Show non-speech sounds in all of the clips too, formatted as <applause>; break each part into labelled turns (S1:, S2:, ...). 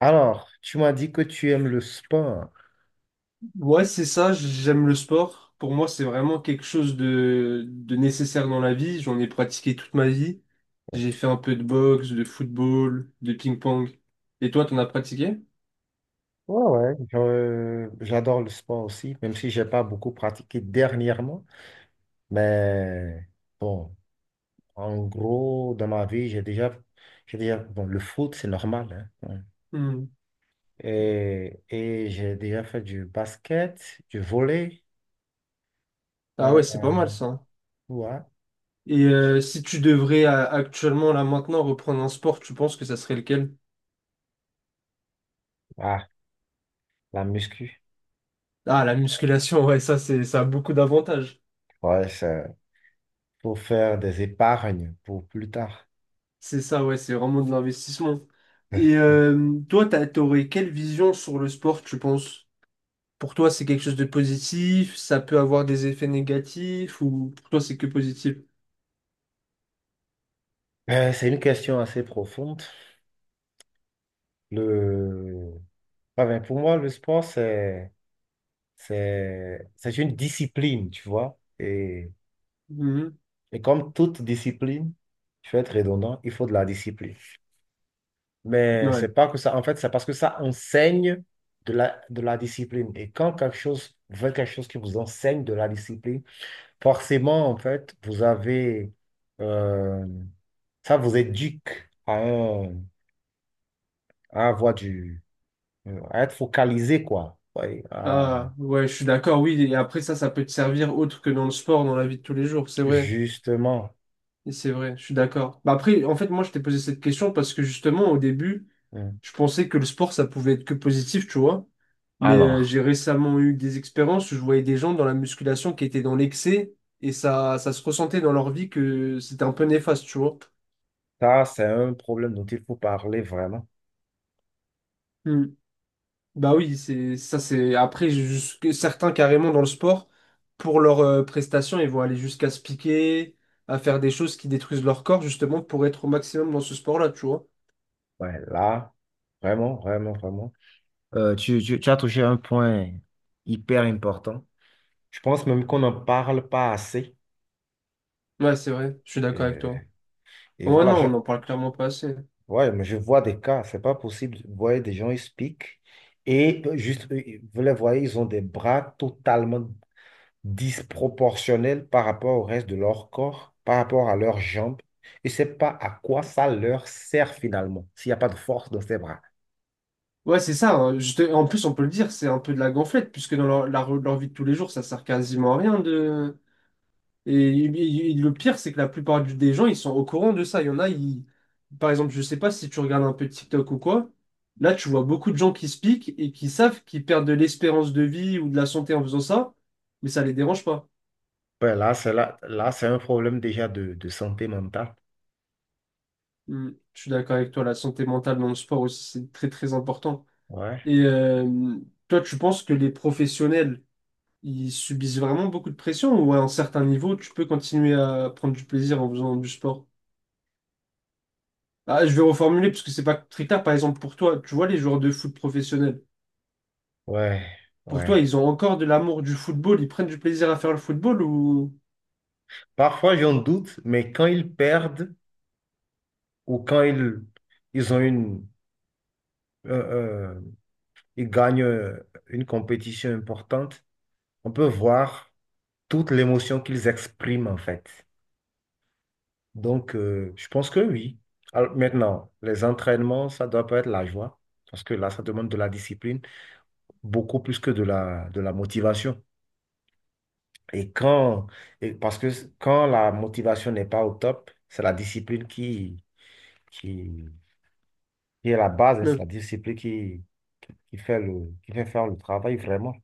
S1: Alors, tu m'as dit que tu aimes le sport.
S2: Ouais, c'est ça, j'aime le sport. Pour moi, c'est vraiment quelque chose de nécessaire dans la vie. J'en ai pratiqué toute ma vie. J'ai fait un peu de boxe, de football, de ping-pong. Et toi, t'en as pratiqué?
S1: Ouais, ouais. J'adore le sport aussi, même si j'ai pas beaucoup pratiqué dernièrement. Mais bon, en gros, dans ma vie, j'ai déjà, bon, le foot, c'est normal, hein. Ouais.
S2: Hmm.
S1: Et j'ai déjà fait du basket, du volley,
S2: Ah
S1: euh,
S2: ouais, c'est pas mal ça.
S1: ouais.
S2: Et si tu devrais actuellement, là maintenant, reprendre un sport, tu penses que ça serait lequel?
S1: Ah, la muscu.
S2: Ah, la musculation, ouais, ça, ça a beaucoup d'avantages.
S1: Ouais, ça, faut faire des épargnes pour plus tard.
S2: C'est ça, ouais, c'est vraiment de l'investissement. Et
S1: <laughs>
S2: toi, t'aurais quelle vision sur le sport, tu penses? Pour toi, c'est quelque chose de positif, ça peut avoir des effets négatifs, ou pour toi, c'est que positif?
S1: C'est une question assez profonde. Le Ah ben, pour moi, le sport, c'est une discipline, tu vois. Et,
S2: Mhm.
S1: et comme toute discipline, je vais être redondant, il faut de la discipline. Mais c'est
S2: Ouais.
S1: pas que ça, en fait, c'est parce que ça enseigne de la discipline. Et quand quelque chose, vous faites quelque chose qui vous enseigne de la discipline, forcément, en fait, vous avez, euh, ça vous éduque à, à avoir du, à être focalisé, quoi. Ouais,
S2: Ah, ouais, je suis d'accord, oui. Et après, ça peut te servir autre que dans le sport, dans la vie de tous les jours, c'est vrai.
S1: justement.
S2: Et c'est vrai, je suis d'accord. Bah après, en fait, moi, je t'ai posé cette question parce que justement, au début,
S1: Mm.
S2: je pensais que le sport, ça pouvait être que positif, tu vois. Mais
S1: Alors,
S2: j'ai récemment eu des expériences où je voyais des gens dans la musculation qui étaient dans l'excès et ça se ressentait dans leur vie que c'était un peu néfaste, tu vois.
S1: ça, c'est un problème dont il faut parler vraiment.
S2: Bah oui, c'est ça c'est après jusque certains carrément dans le sport pour leurs prestations, ils vont aller jusqu'à se piquer, à faire des choses qui détruisent leur corps justement pour être au maximum dans ce sport-là, tu vois.
S1: Ouais, là, vraiment, vraiment, vraiment. Tu as touché un point hyper important. Je pense même qu'on n'en parle pas assez.
S2: Ouais, c'est vrai, je suis d'accord avec
S1: Euh,
S2: toi.
S1: et
S2: Ouais,
S1: voilà,
S2: non, on n'en parle clairement pas assez.
S1: ouais, mais je vois des cas, c'est pas possible. Vous voyez des gens, ils se piquent et juste, vous les voyez, ils ont des bras totalement disproportionnelles par rapport au reste de leur corps, par rapport à leurs jambes. Et c'est pas à quoi ça leur sert finalement, s'il n'y a pas de force dans ses bras.
S2: Ouais, c'est ça. Hein, en plus, on peut le dire, c'est un peu de la gonflette puisque dans leur vie de tous les jours, ça sert quasiment à rien de Et le pire, c'est que la plupart des gens, ils sont au courant de ça. Il y en a, ils... Par exemple, je sais pas si tu regardes un peu TikTok ou quoi, là, tu vois beaucoup de gens qui se piquent et qui savent qu'ils perdent de l'espérance de vie ou de la santé en faisant ça, mais ça les dérange pas.
S1: Ben là, là, c'est un problème déjà de santé mentale.
S2: Hmm. Je suis d'accord avec toi, la santé mentale dans le sport aussi, c'est très très important.
S1: Ouais,
S2: Et toi, tu penses que les professionnels, ils subissent vraiment beaucoup de pression ou à un certain niveau, tu peux continuer à prendre du plaisir en faisant du sport? Ah, je vais reformuler parce que c'est pas très clair. Par exemple, pour toi, tu vois les joueurs de foot professionnels,
S1: ouais,
S2: pour
S1: ouais.
S2: toi, ils ont encore de l'amour du football, ils prennent du plaisir à faire le football ou...
S1: Parfois, j'en doute, mais quand ils perdent ou quand ils ont une, euh, euh, ils gagnent une compétition importante, on peut voir toute l'émotion qu'ils expriment en fait. Donc, je pense que oui. Alors, maintenant, les entraînements, ça doit pas être la joie, parce que là, ça demande de la discipline, beaucoup plus que de la motivation. Et quand, et parce que quand la motivation n'est pas au top, c'est la discipline qui, qui est la base, hein, c'est la
S2: Non.
S1: discipline qui fait faire le travail vraiment.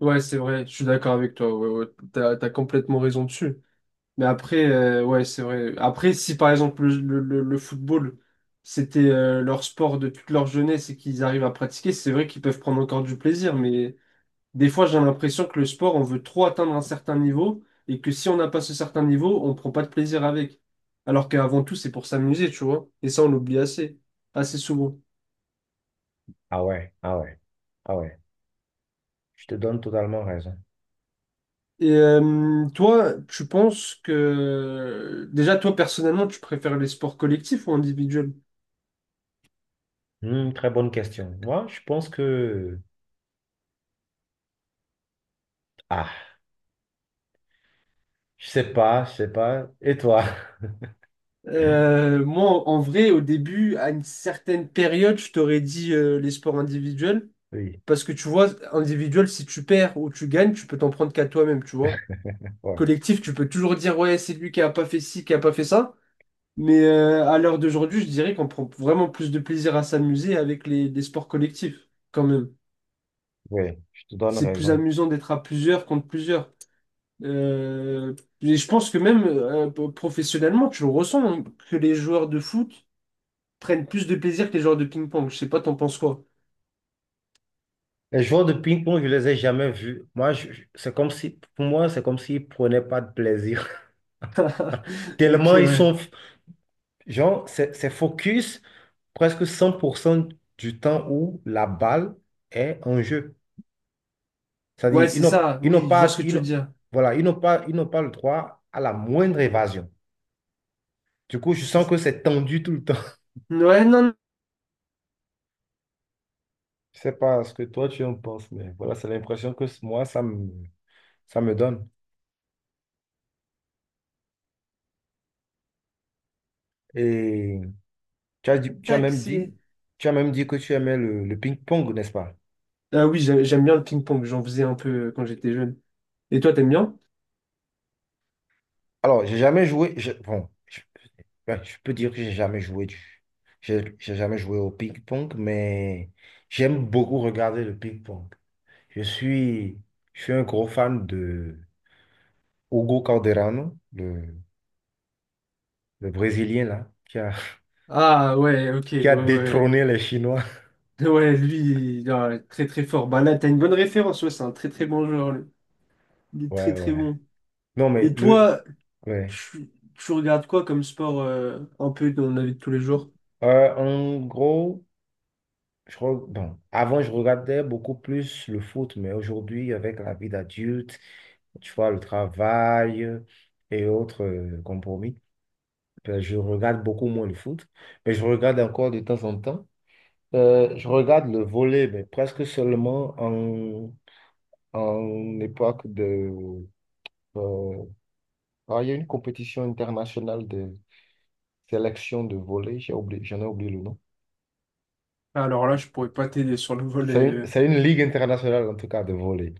S2: Ouais, c'est vrai, je suis d'accord avec toi. Ouais, ouais, t'as complètement raison dessus. Mais après, ouais, c'est vrai. Après, si par exemple le football, c'était leur sport de toute leur jeunesse et qu'ils arrivent à pratiquer, c'est vrai qu'ils peuvent prendre encore du plaisir, mais des fois, j'ai l'impression que le sport, on veut trop atteindre un certain niveau et que si on n'a pas ce certain niveau, on prend pas de plaisir avec. Alors qu'avant tout, c'est pour s'amuser, tu vois. Et ça, on l'oublie assez, assez souvent.
S1: Ah ouais, ah ouais, ah ouais. Je te donne totalement raison.
S2: Et toi, tu penses que... Déjà, toi, personnellement, tu préfères les sports collectifs ou individuels?
S1: Hmm, très bonne question. Moi, je pense que... Ah, je sais pas, je sais pas. Et toi?
S2: Moi, en vrai, au début, à une certaine période, je t'aurais dit les sports individuels.
S1: <laughs> Oui.
S2: Parce que tu vois, individuel, si tu perds ou tu gagnes, tu peux t'en prendre qu'à toi-même, tu vois.
S1: Ouais,
S2: Collectif, tu peux toujours dire, ouais, c'est lui qui a pas fait ci, qui a pas fait ça. Mais à l'heure d'aujourd'hui, je dirais qu'on prend vraiment plus de plaisir à s'amuser avec les sports collectifs, quand même.
S1: ouais, je te donne
S2: C'est plus
S1: raison.
S2: amusant d'être à plusieurs contre plusieurs. Euh, et je pense que même professionnellement, tu le ressens, hein, que les joueurs de foot prennent plus de plaisir que les joueurs de ping-pong. Je sais pas, t'en penses quoi? <laughs>
S1: Les joueurs de ping-pong, je les ai jamais vus. Moi, c'est comme si, pour moi, c'est comme s'ils prenaient pas de plaisir. <laughs>
S2: Ok,
S1: Tellement ils
S2: ouais.
S1: sont, genre, c'est focus presque 100% du temps où la balle est en jeu.
S2: Ouais,
S1: C'est-à-dire,
S2: c'est ça,
S1: ils n'ont
S2: oui, je vois ce
S1: pas,
S2: que
S1: ils
S2: tu veux
S1: n'ont-
S2: dire.
S1: voilà, ils n'ont pas le droit à la moindre évasion. Du coup, je sens que c'est tendu tout le temps. <laughs>
S2: Ouais, non,
S1: Je sais pas ce que toi tu en penses, mais voilà, c'est l'impression que moi, ça me donne. Et Tu as dit- tu as
S2: tac,
S1: même dit,
S2: c'est...
S1: Tu as même dit que tu aimais le ping-pong, n'est-ce pas?
S2: Ah oui, j'aime bien le ping-pong, j'en faisais un peu quand j'étais jeune. Et toi, t'aimes bien?
S1: Alors, j'ai jamais joué. Bon, ben, je peux dire que j'ai jamais joué au ping-pong, mais j'aime beaucoup regarder le ping-pong. Je suis, je suis un gros fan de Hugo Calderano, le Brésilien là, qui a,
S2: Ah ouais, ok,
S1: <laughs> qui
S2: ouais,
S1: a
S2: ouais.
S1: détrôné les Chinois. <laughs>
S2: Ouais, lui, il est très très fort. Bah là, t'as une bonne référence, ouais, c'est un très très bon joueur, lui. Il est très
S1: Ouais,
S2: très
S1: ouais.
S2: bon.
S1: Non, mais
S2: Et toi,
S1: ouais.
S2: tu regardes quoi comme sport un peu dans la vie de tous les jours?
S1: En gros. Bon, avant, je regardais beaucoup plus le foot, mais aujourd'hui, avec la vie d'adulte, tu vois, le travail et autres compromis, ben, je regarde beaucoup moins le foot, mais je regarde encore de temps en temps. Je regarde le volley, mais presque seulement en époque de... euh, ah, il y a une compétition internationale de sélection de volley, j'ai oublié, j'en ai oublié le nom.
S2: Alors là, je pourrais pas t'aider sur le volet. euh.
S1: C'est une ligue internationale, en tout cas, de volley.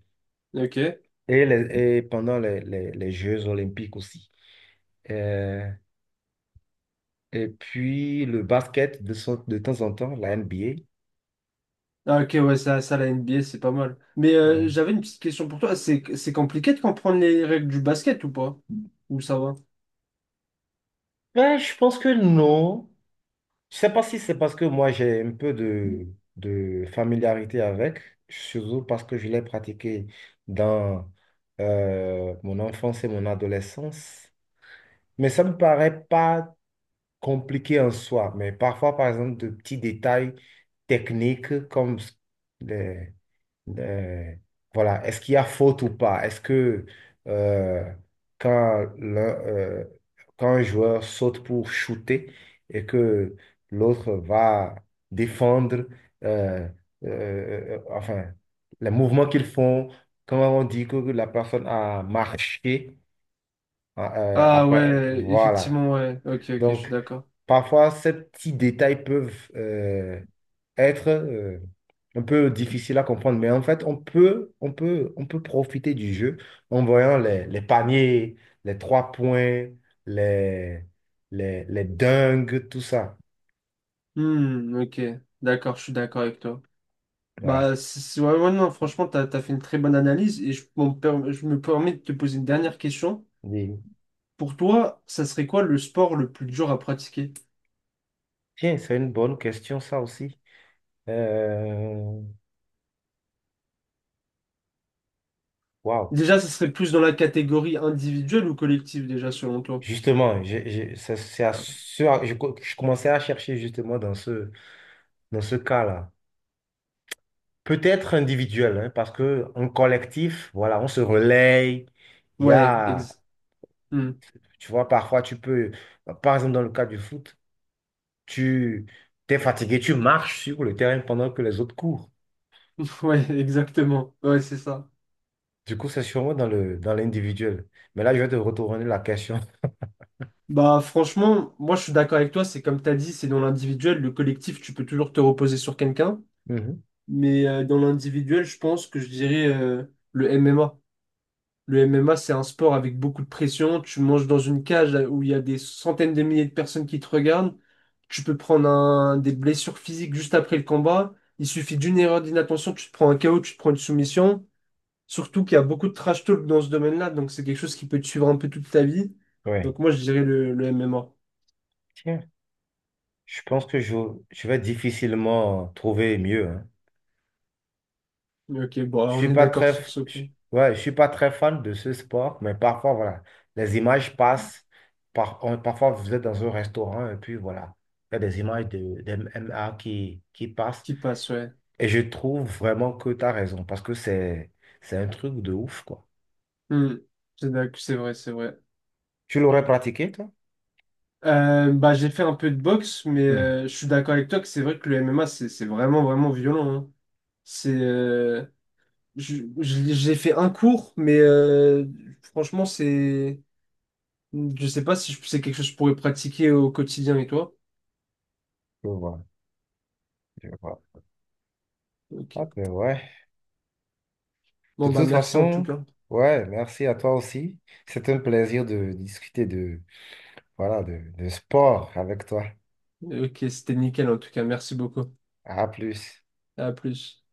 S2: Ok.
S1: Et pendant les Jeux olympiques aussi. Euh, et puis le basket de temps en temps, la NBA.
S2: Ah, ok, ouais, ça, la NBA, c'est pas mal. Mais
S1: Ouais.
S2: j'avais une petite question pour toi. C'est compliqué de comprendre les règles du basket ou pas? Ou ça va?
S1: Ben, je pense que non. Je sais pas si c'est parce que moi j'ai un peu de familiarité avec, surtout parce que je l'ai pratiqué dans mon enfance et mon adolescence. Mais ça me paraît pas compliqué en soi. Mais parfois, par exemple, de petits détails techniques comme Euh, voilà, est-ce qu'il y a faute ou pas? Est-ce que euh, quand, l'un, euh, quand un joueur saute pour shooter et que l'autre va défendre, euh, enfin, les mouvements qu'ils font, comment on dit que la personne a marché,
S2: Ah
S1: après,
S2: ouais,
S1: voilà.
S2: effectivement, ouais. Ok, ok, je suis
S1: Donc,
S2: d'accord.
S1: parfois, ces petits détails peuvent être un peu difficiles à comprendre, mais en fait, on peut profiter du jeu en voyant les paniers, les trois points, les, les dingues, tout ça.
S2: Hmm, ok, d'accord, je suis d'accord avec toi.
S1: Ouais.
S2: Bah, ouais, ouais, non, franchement, t'as fait une très bonne analyse et je me permets de te poser une dernière question.
S1: Oui.
S2: Pour toi, ça serait quoi le sport le plus dur à pratiquer?
S1: Tiens, c'est une bonne question, ça aussi. Euh, Waouh.
S2: Déjà, ça serait plus dans la catégorie individuelle ou collective, déjà, selon toi?
S1: Justement, j'ai- c'est à
S2: Ah,
S1: ce- je, co- je commençais à chercher justement dans dans ce cas-là. Peut-être individuel, hein, parce que en collectif, voilà, on se relaye. Il y
S2: ouais,
S1: a,
S2: exact.
S1: tu vois, parfois tu peux, par exemple dans le cas du foot, tu t'es fatigué, tu marches sur le terrain pendant que les autres courent.
S2: Ouais, <laughs> exactement. Ouais, c'est ça.
S1: Du coup, c'est sûrement dans le dans l'individuel. Mais là, je vais te retourner la question. <laughs>
S2: Bah, franchement, moi, je suis d'accord avec toi. C'est comme tu as dit, c'est dans l'individuel. Le collectif, tu peux toujours te reposer sur quelqu'un.
S1: Mhm.
S2: Mais dans l'individuel, je pense que je dirais le MMA. Le MMA, c'est un sport avec beaucoup de pression. Tu manges dans une cage là, où il y a des centaines de milliers de personnes qui te regardent. Tu peux prendre des blessures physiques juste après le combat. Il suffit d'une erreur d'inattention, tu te prends un KO, tu te prends une soumission. Surtout qu'il y a beaucoup de trash talk dans ce domaine-là, donc c'est quelque chose qui peut te suivre un peu toute ta vie.
S1: Ouais.
S2: Donc moi, je dirais le MMA.
S1: Tiens, je pense que je vais difficilement trouver mieux. Hein.
S2: Mais ok, bon,
S1: Je suis
S2: on est
S1: pas
S2: d'accord
S1: très,
S2: sur
S1: f-
S2: ce
S1: je-
S2: point.
S1: Ouais, je suis pas très fan de ce sport, mais parfois, voilà, les images passent. Parfois, vous êtes dans un restaurant et puis voilà, il y a des images d'MMA qui passent.
S2: Qui passe, ouais.
S1: Et je trouve vraiment que tu as raison parce que c'est un truc de ouf, quoi.
S2: Hmm. C'est vrai, c'est vrai.
S1: Tu l'aurais pratiqué, toi?
S2: Bah, j'ai fait un peu de boxe, mais
S1: Hmm,
S2: je suis d'accord avec toi que c'est vrai que le MMA, c'est vraiment, vraiment violent. Hein. C'est, euh, j'ai fait un cours, mais franchement, je sais pas si c'est quelque chose que je pourrais pratiquer au quotidien et toi.
S1: je vois, je vois. Ah,
S2: Ok.
S1: ben ouais.
S2: Bon,
S1: De
S2: bah,
S1: toute
S2: merci en tout
S1: façon,
S2: cas.
S1: ouais, merci à toi aussi. C'est un plaisir de discuter voilà, de sport avec toi.
S2: Ok, c'était nickel en tout cas. Merci beaucoup.
S1: À plus.
S2: À plus.